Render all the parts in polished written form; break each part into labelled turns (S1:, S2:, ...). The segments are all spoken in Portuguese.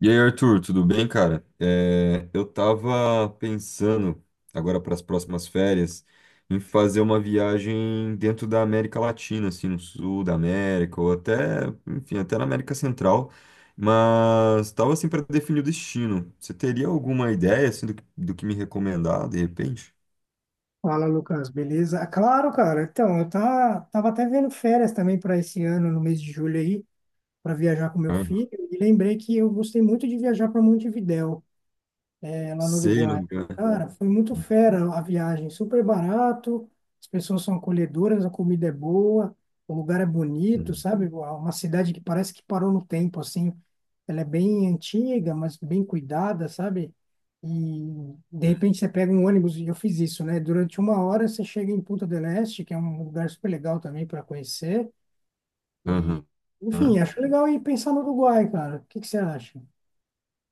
S1: E aí, Arthur, tudo bem, cara? Eu tava pensando, agora para as próximas férias, em fazer uma viagem dentro da América Latina, assim, no sul da América, ou até, enfim, até na América Central, mas tava assim para definir o destino. Você teria alguma ideia, assim, do que me recomendar, de repente?
S2: Fala, Lucas, beleza? Ah, claro, cara. Então, tava até vendo férias também para esse ano, no mês de julho aí, para viajar com meu
S1: Aham.
S2: filho, e lembrei que eu gostei muito de viajar para Montevidéu, é, lá no
S1: Sei, no
S2: Uruguai.
S1: lugar.
S2: Cara, foi muito fera a viagem, super barato, as pessoas são acolhedoras, a comida é boa, o lugar é bonito, sabe? Uma cidade que parece que parou no tempo, assim. Ela é bem antiga, mas bem cuidada, sabe? E de repente você pega um ônibus, e eu fiz isso, né? Durante uma hora você chega em Punta del Este, que é um lugar super legal também para conhecer. E, enfim,
S1: Aham.
S2: acho legal ir pensar no Uruguai, cara. O que que você acha?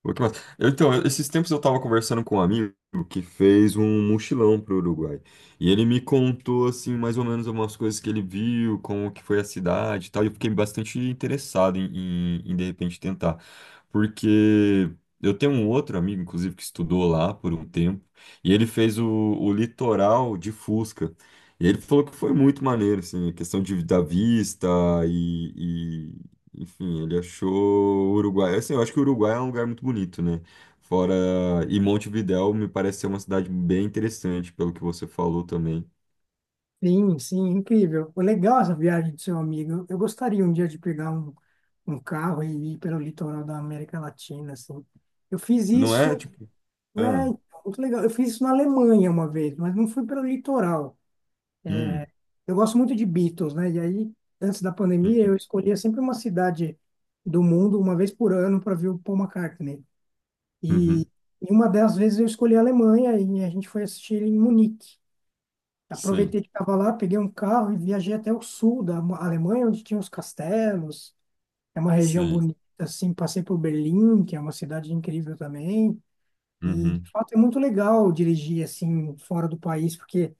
S1: Pô, que massa. Então, esses tempos eu estava conversando com um amigo que fez um mochilão pro Uruguai. E ele me contou, assim, mais ou menos algumas coisas que ele viu, como que foi a cidade e tal. E eu fiquei bastante interessado em de repente, tentar. Porque eu tenho um outro amigo, inclusive, que estudou lá por um tempo. E ele fez o litoral de Fusca. E ele falou que foi muito maneiro, assim, a questão de, da vista, enfim, ele achou o Uruguai. Assim, eu acho que o Uruguai é um lugar muito bonito, né? Fora. E Montevidéu me parece ser uma cidade bem interessante, pelo que você falou também.
S2: Sim, sim, incrível. Foi legal essa viagem do seu amigo. Eu gostaria um dia de pegar um, um carro e ir pelo litoral da América Latina, assim. Eu fiz
S1: Não
S2: isso,
S1: é tipo.
S2: é,
S1: Ah,
S2: então, muito legal. Eu fiz isso na Alemanha uma vez, mas não fui pelo litoral.
S1: hum,
S2: Eu gosto muito de Beatles, né? E aí, antes da pandemia,
S1: hum,
S2: eu escolhia sempre uma cidade do mundo, uma vez por ano, para ver o Paul McCartney. E,
S1: uhum.
S2: uma das vezes eu escolhi a Alemanha e a gente foi assistir em Munique.
S1: Sim,
S2: Aproveitei que estava lá, peguei um carro e viajei até o sul da Alemanha, onde tinha os castelos. É uma região
S1: sim.
S2: bonita, assim. Passei por Berlim, que é uma cidade incrível também. E, de
S1: Uhum,
S2: fato, é muito legal dirigir, assim, fora do país, porque,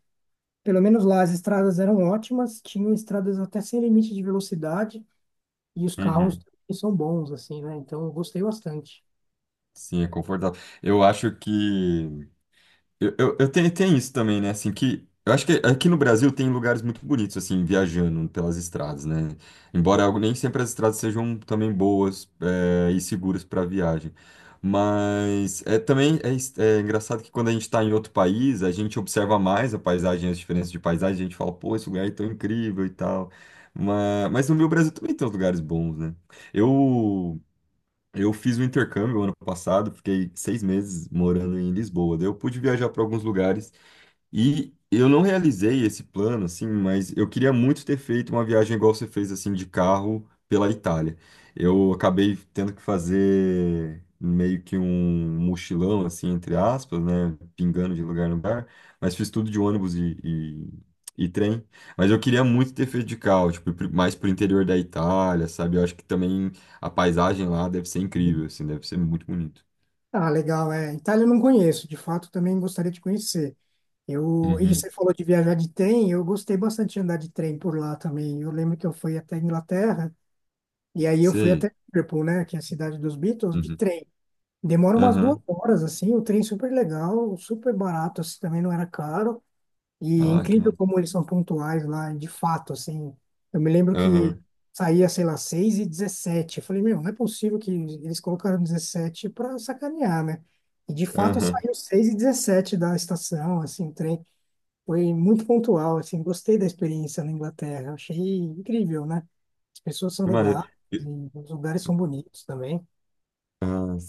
S2: pelo menos lá, as estradas eram ótimas, tinham estradas até sem limite de velocidade, e os carros
S1: uhum.
S2: são bons, assim, né? Então, eu gostei bastante.
S1: Sim, é confortável. Eu acho que. Eu tenho, tem isso também, né? Assim, que eu acho que aqui no Brasil tem lugares muito bonitos, assim, viajando pelas estradas, né? Embora nem sempre as estradas sejam também boas, e seguras para viagem. Mas é engraçado que quando a gente está em outro país, a gente observa mais a paisagem, as diferenças de paisagem, a gente fala, pô, esse lugar é tão incrível e tal. Mas no meu Brasil também tem uns lugares bons, né? Eu. Eu fiz o intercâmbio ano passado, fiquei 6 meses morando em Lisboa. Daí eu pude viajar para alguns lugares e eu não realizei esse plano, assim, mas eu queria muito ter feito uma viagem igual você fez, assim, de carro pela Itália. Eu acabei tendo que fazer meio que um mochilão, assim, entre aspas, né? Pingando de lugar em lugar, mas fiz tudo de ônibus e trem. Mas eu queria muito ter feito de carro, tipo, mais pro interior da Itália, sabe? Eu acho que também a paisagem lá deve ser incrível, assim, deve ser muito bonito.
S2: Ah, legal, é. Itália eu não conheço, de fato, também gostaria de conhecer. Eu, e
S1: Uhum.
S2: você falou de viajar de trem, eu gostei bastante de andar de trem por lá também. Eu lembro que eu fui até a Inglaterra, e aí eu fui
S1: Sei.
S2: até Liverpool, né, que é a cidade dos Beatles, de
S1: Uhum.
S2: trem. Demora umas duas
S1: Aham.
S2: horas, assim, o trem super legal, super barato, assim, também não era caro. E é
S1: Ah, que
S2: incrível como eles são pontuais lá, de fato, assim. Eu me lembro que
S1: mano.
S2: saía, sei lá, 6 e 17. Eu falei, meu, não é possível que eles colocaram 17 para sacanear, né? E de fato
S1: Aham,
S2: saiu 6 e 17 da estação, assim, o trem foi muito pontual, assim, gostei da experiência na Inglaterra, achei incrível, né? As pessoas são
S1: que maneiro.
S2: legais,
S1: E,
S2: e os lugares são bonitos também.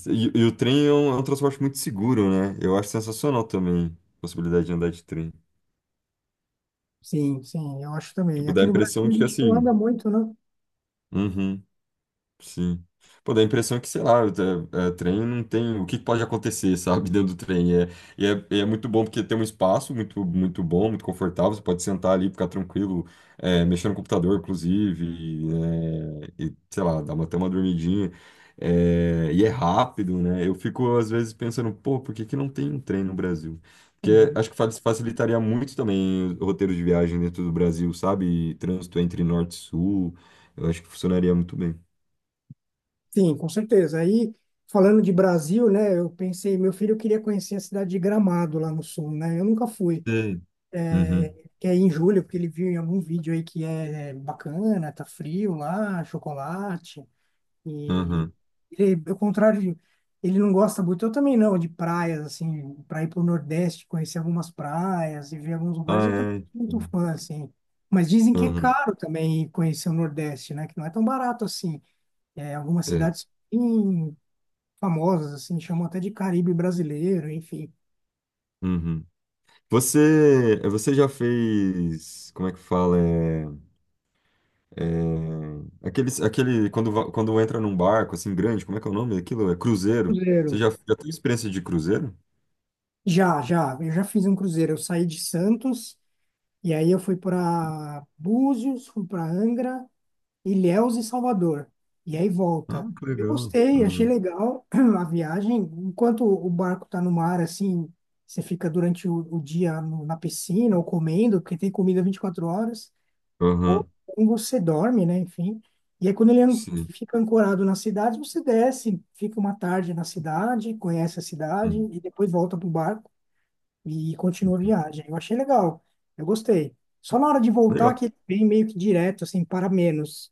S1: e o trem é um transporte muito seguro, né? Eu acho sensacional também a possibilidade de andar de trem.
S2: Sim, sim, eu acho também.
S1: Tipo, dá
S2: Aqui
S1: a
S2: no Brasil
S1: impressão
S2: a
S1: de que
S2: gente não
S1: assim.
S2: anda muito, né?
S1: Uhum. Sim. Pô, dá a impressão que, sei lá, trem não tem. O que pode acontecer, sabe, dentro do trem? E é muito bom porque tem um espaço muito, muito bom, muito confortável. Você pode sentar ali, ficar tranquilo, mexer no computador, inclusive, e, sei lá, até uma dormidinha. É, e é rápido, né? Eu fico, às vezes, pensando, pô, por que que não tem um trem no Brasil? Porque
S2: Uhum.
S1: acho que facilitaria muito também o roteiro de viagem dentro do Brasil, sabe? E trânsito entre norte e sul. Eu acho que funcionaria muito bem.
S2: Sim, com certeza. Aí, falando de Brasil, né, eu pensei, meu filho queria conhecer a cidade de Gramado lá no sul, né? Eu nunca fui.
S1: Sei.
S2: É,
S1: Uhum,
S2: que é em julho, porque ele viu em algum vídeo aí que é bacana, tá frio lá, chocolate. E
S1: uhum.
S2: ele, ao contrário, ele não gosta muito, eu também não, de praias, assim, para ir para o Nordeste, conhecer algumas praias e ver alguns lugares,
S1: Ah,
S2: eu também sou
S1: é.
S2: muito fã, assim. Mas dizem que é
S1: Uhum,
S2: caro também ir conhecer o Nordeste, né? Que não é tão barato assim. É, algumas
S1: é.
S2: cidades bem famosas, assim, chamam até de Caribe brasileiro, enfim.
S1: Uhum. Você já fez, como é que fala? É, é, aqueles, aquele, quando, va- quando entra num barco assim grande, como é que é o nome daquilo? É cruzeiro.
S2: Cruzeiro.
S1: Já teve experiência de cruzeiro?
S2: Já, já, eu já fiz um cruzeiro. Eu saí de Santos e aí eu fui para Búzios, fui para Angra. Ilhéus e Salvador. E aí
S1: Ah,
S2: volta.
S1: que
S2: Eu
S1: legal.
S2: gostei, achei
S1: Uhum.
S2: legal a viagem. Enquanto o barco tá no mar, assim, você fica durante o dia na piscina ou comendo, porque tem comida 24 horas. Ou
S1: Uhum.
S2: você dorme, né? Enfim. E aí, quando
S1: Sim.
S2: fica ancorado na cidade, você desce, fica uma tarde na cidade, conhece a cidade
S1: Uhum.
S2: e depois volta pro barco e continua a viagem. Eu achei legal, eu gostei. Só na hora de voltar
S1: Legal.
S2: que ele vem meio que direto, assim, para menos.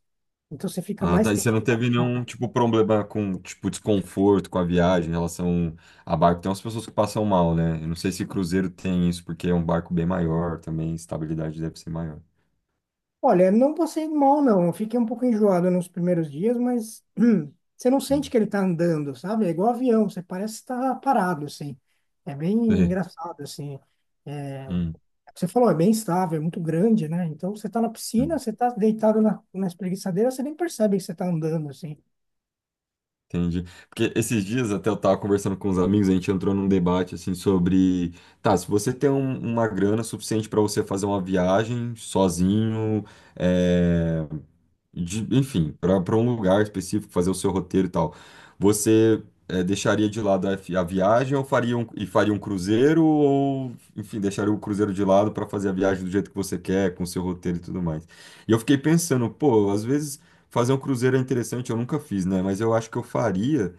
S2: Então você fica
S1: Ah,
S2: mais
S1: tá. E
S2: tempo
S1: você não
S2: em
S1: teve nenhum,
S2: volta.
S1: tipo, problema com, tipo, desconforto com a viagem em relação a barco? Tem umas pessoas que passam mal, né? Eu não sei se cruzeiro tem isso, porque é um barco bem maior também, estabilidade deve ser maior.
S2: Olha, não passei mal, não. Eu fiquei um pouco enjoado nos primeiros dias, mas você não sente
S1: Hum.
S2: que ele tá andando, sabe? É igual avião, você parece estar parado, assim. É bem
S1: É.
S2: engraçado, assim. É,
S1: Hum,
S2: você falou, é bem estável, é muito grande, né? Então você tá na piscina,
S1: hum.
S2: você tá deitado na espreguiçadeira, você nem percebe que você tá andando, assim.
S1: Entendi. Porque esses dias até eu tava conversando com uns amigos, a gente entrou num debate assim sobre, tá, se você tem uma grana suficiente para você fazer uma viagem sozinho, é, enfim, para um lugar específico, fazer o seu roteiro e tal, você, deixaria de lado a viagem e faria um cruzeiro ou, enfim, deixaria o cruzeiro de lado para fazer a viagem do jeito que você quer, com o seu roteiro e tudo mais. E eu fiquei pensando, pô, às vezes fazer um cruzeiro é interessante, eu nunca fiz, né? Mas eu acho que eu faria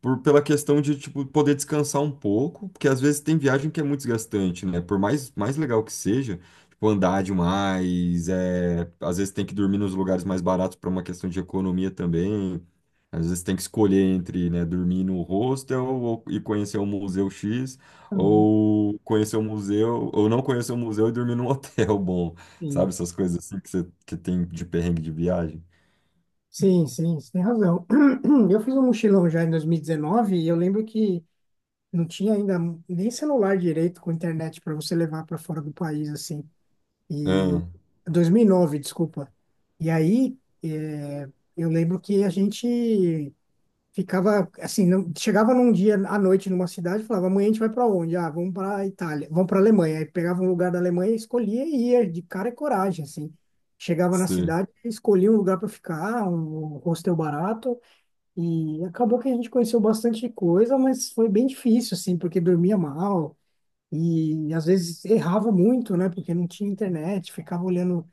S1: pela questão de, tipo, poder descansar um pouco, porque às vezes tem viagem que é muito desgastante, né? Por mais legal que seja, tipo, andar demais, às vezes tem que dormir nos lugares mais baratos para uma questão de economia também. Às vezes tem que escolher entre, né, dormir no hostel e conhecer um museu X,
S2: Uhum.
S1: ou conhecer um museu, ou não conhecer um museu e dormir num hotel bom, sabe? Essas coisas assim que, você, que tem de perrengue de viagem.
S2: Sim, sim, você tem razão. Eu fiz um mochilão já em 2019 e eu lembro que não tinha ainda nem celular direito com internet para você levar para fora do país, assim. E
S1: Ah.
S2: 2009, desculpa. E aí, eu lembro que a gente ficava assim, não, chegava num dia à noite numa cidade, e falava, amanhã a gente vai para onde? Ah, vamos para Itália, vamos para Alemanha. Aí pegava um lugar da Alemanha, escolhia e ia de cara e coragem, assim. Chegava na
S1: Sim,
S2: cidade, escolhia um lugar para ficar, um hostel barato, e acabou que a gente conheceu bastante coisa, mas foi bem difícil, assim, porque dormia mal e às vezes errava muito, né? Porque não tinha internet, ficava olhando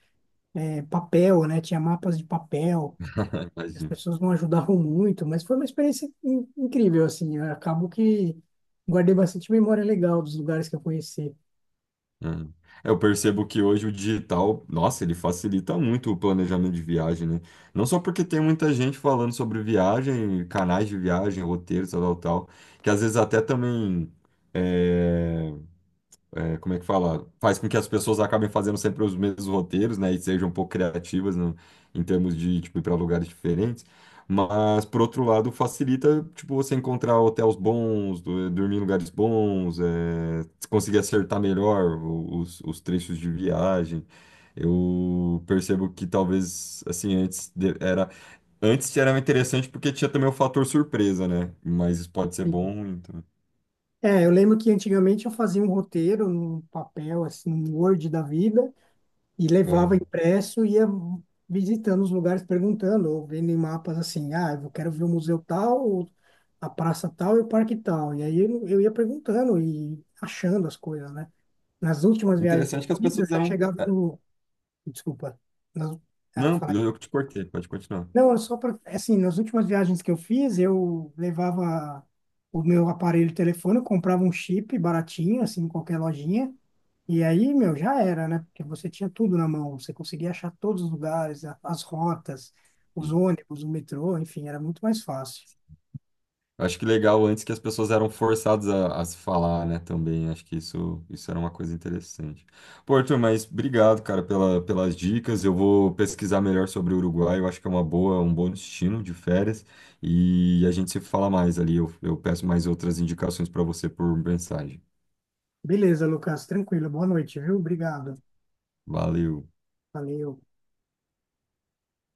S2: papel, né? Tinha mapas de papel. As
S1: imagino.
S2: pessoas não ajudavam muito, mas foi uma experiência incrível, assim. Eu acabo que guardei bastante memória legal dos lugares que eu conheci.
S1: É. Eu percebo que hoje o digital, nossa, ele facilita muito o planejamento de viagem, né? Não só porque tem muita gente falando sobre viagem, canais de viagem, roteiros, tal, tal, tal, que às vezes até também eh, como é que fala? Faz com que as pessoas acabem fazendo sempre os mesmos roteiros, né? E sejam um pouco criativas em termos de, tipo, ir para lugares diferentes. Mas, por outro lado, facilita, tipo, você encontrar hotéis bons, dormir em lugares bons, conseguir acertar melhor os trechos de viagem. Eu percebo que talvez, assim, antes era interessante porque tinha também o fator surpresa, né? Mas isso pode ser
S2: Uhum.
S1: bom, então...
S2: É, eu lembro que antigamente eu fazia um roteiro num papel, assim, um Word da vida, e levava
S1: Aham.
S2: impresso e ia visitando os lugares, perguntando, ou vendo em mapas assim, ah, eu quero ver o museu tal, ou a praça tal e o parque tal. E aí eu ia perguntando e achando as coisas, né? Nas últimas viagens que eu
S1: Interessante que as
S2: fiz, eu
S1: pessoas
S2: já
S1: eram.
S2: chegava no, desculpa. Nas-
S1: Não,
S2: falei.
S1: eu que te cortei, pode continuar.
S2: Não, é só para. Assim, nas últimas viagens que eu fiz, eu levava o meu aparelho de telefone, eu comprava um chip baratinho, assim, em qualquer lojinha. E aí, meu, já era, né? Porque você tinha tudo na mão, você conseguia achar todos os lugares, as rotas, os
S1: Sim.
S2: ônibus, o metrô, enfim, era muito mais fácil.
S1: Acho que legal antes que as pessoas eram forçadas a se falar, né, também. Acho que isso era uma coisa interessante. Pô, Arthur, mas obrigado, cara, pelas dicas. Eu vou pesquisar melhor sobre o Uruguai. Eu acho que é uma boa, um bom destino de férias. E a gente se fala mais ali. Eu peço mais outras indicações para você por mensagem.
S2: Beleza, Lucas, tranquilo. Boa noite, viu? Obrigado.
S1: Valeu.
S2: Valeu.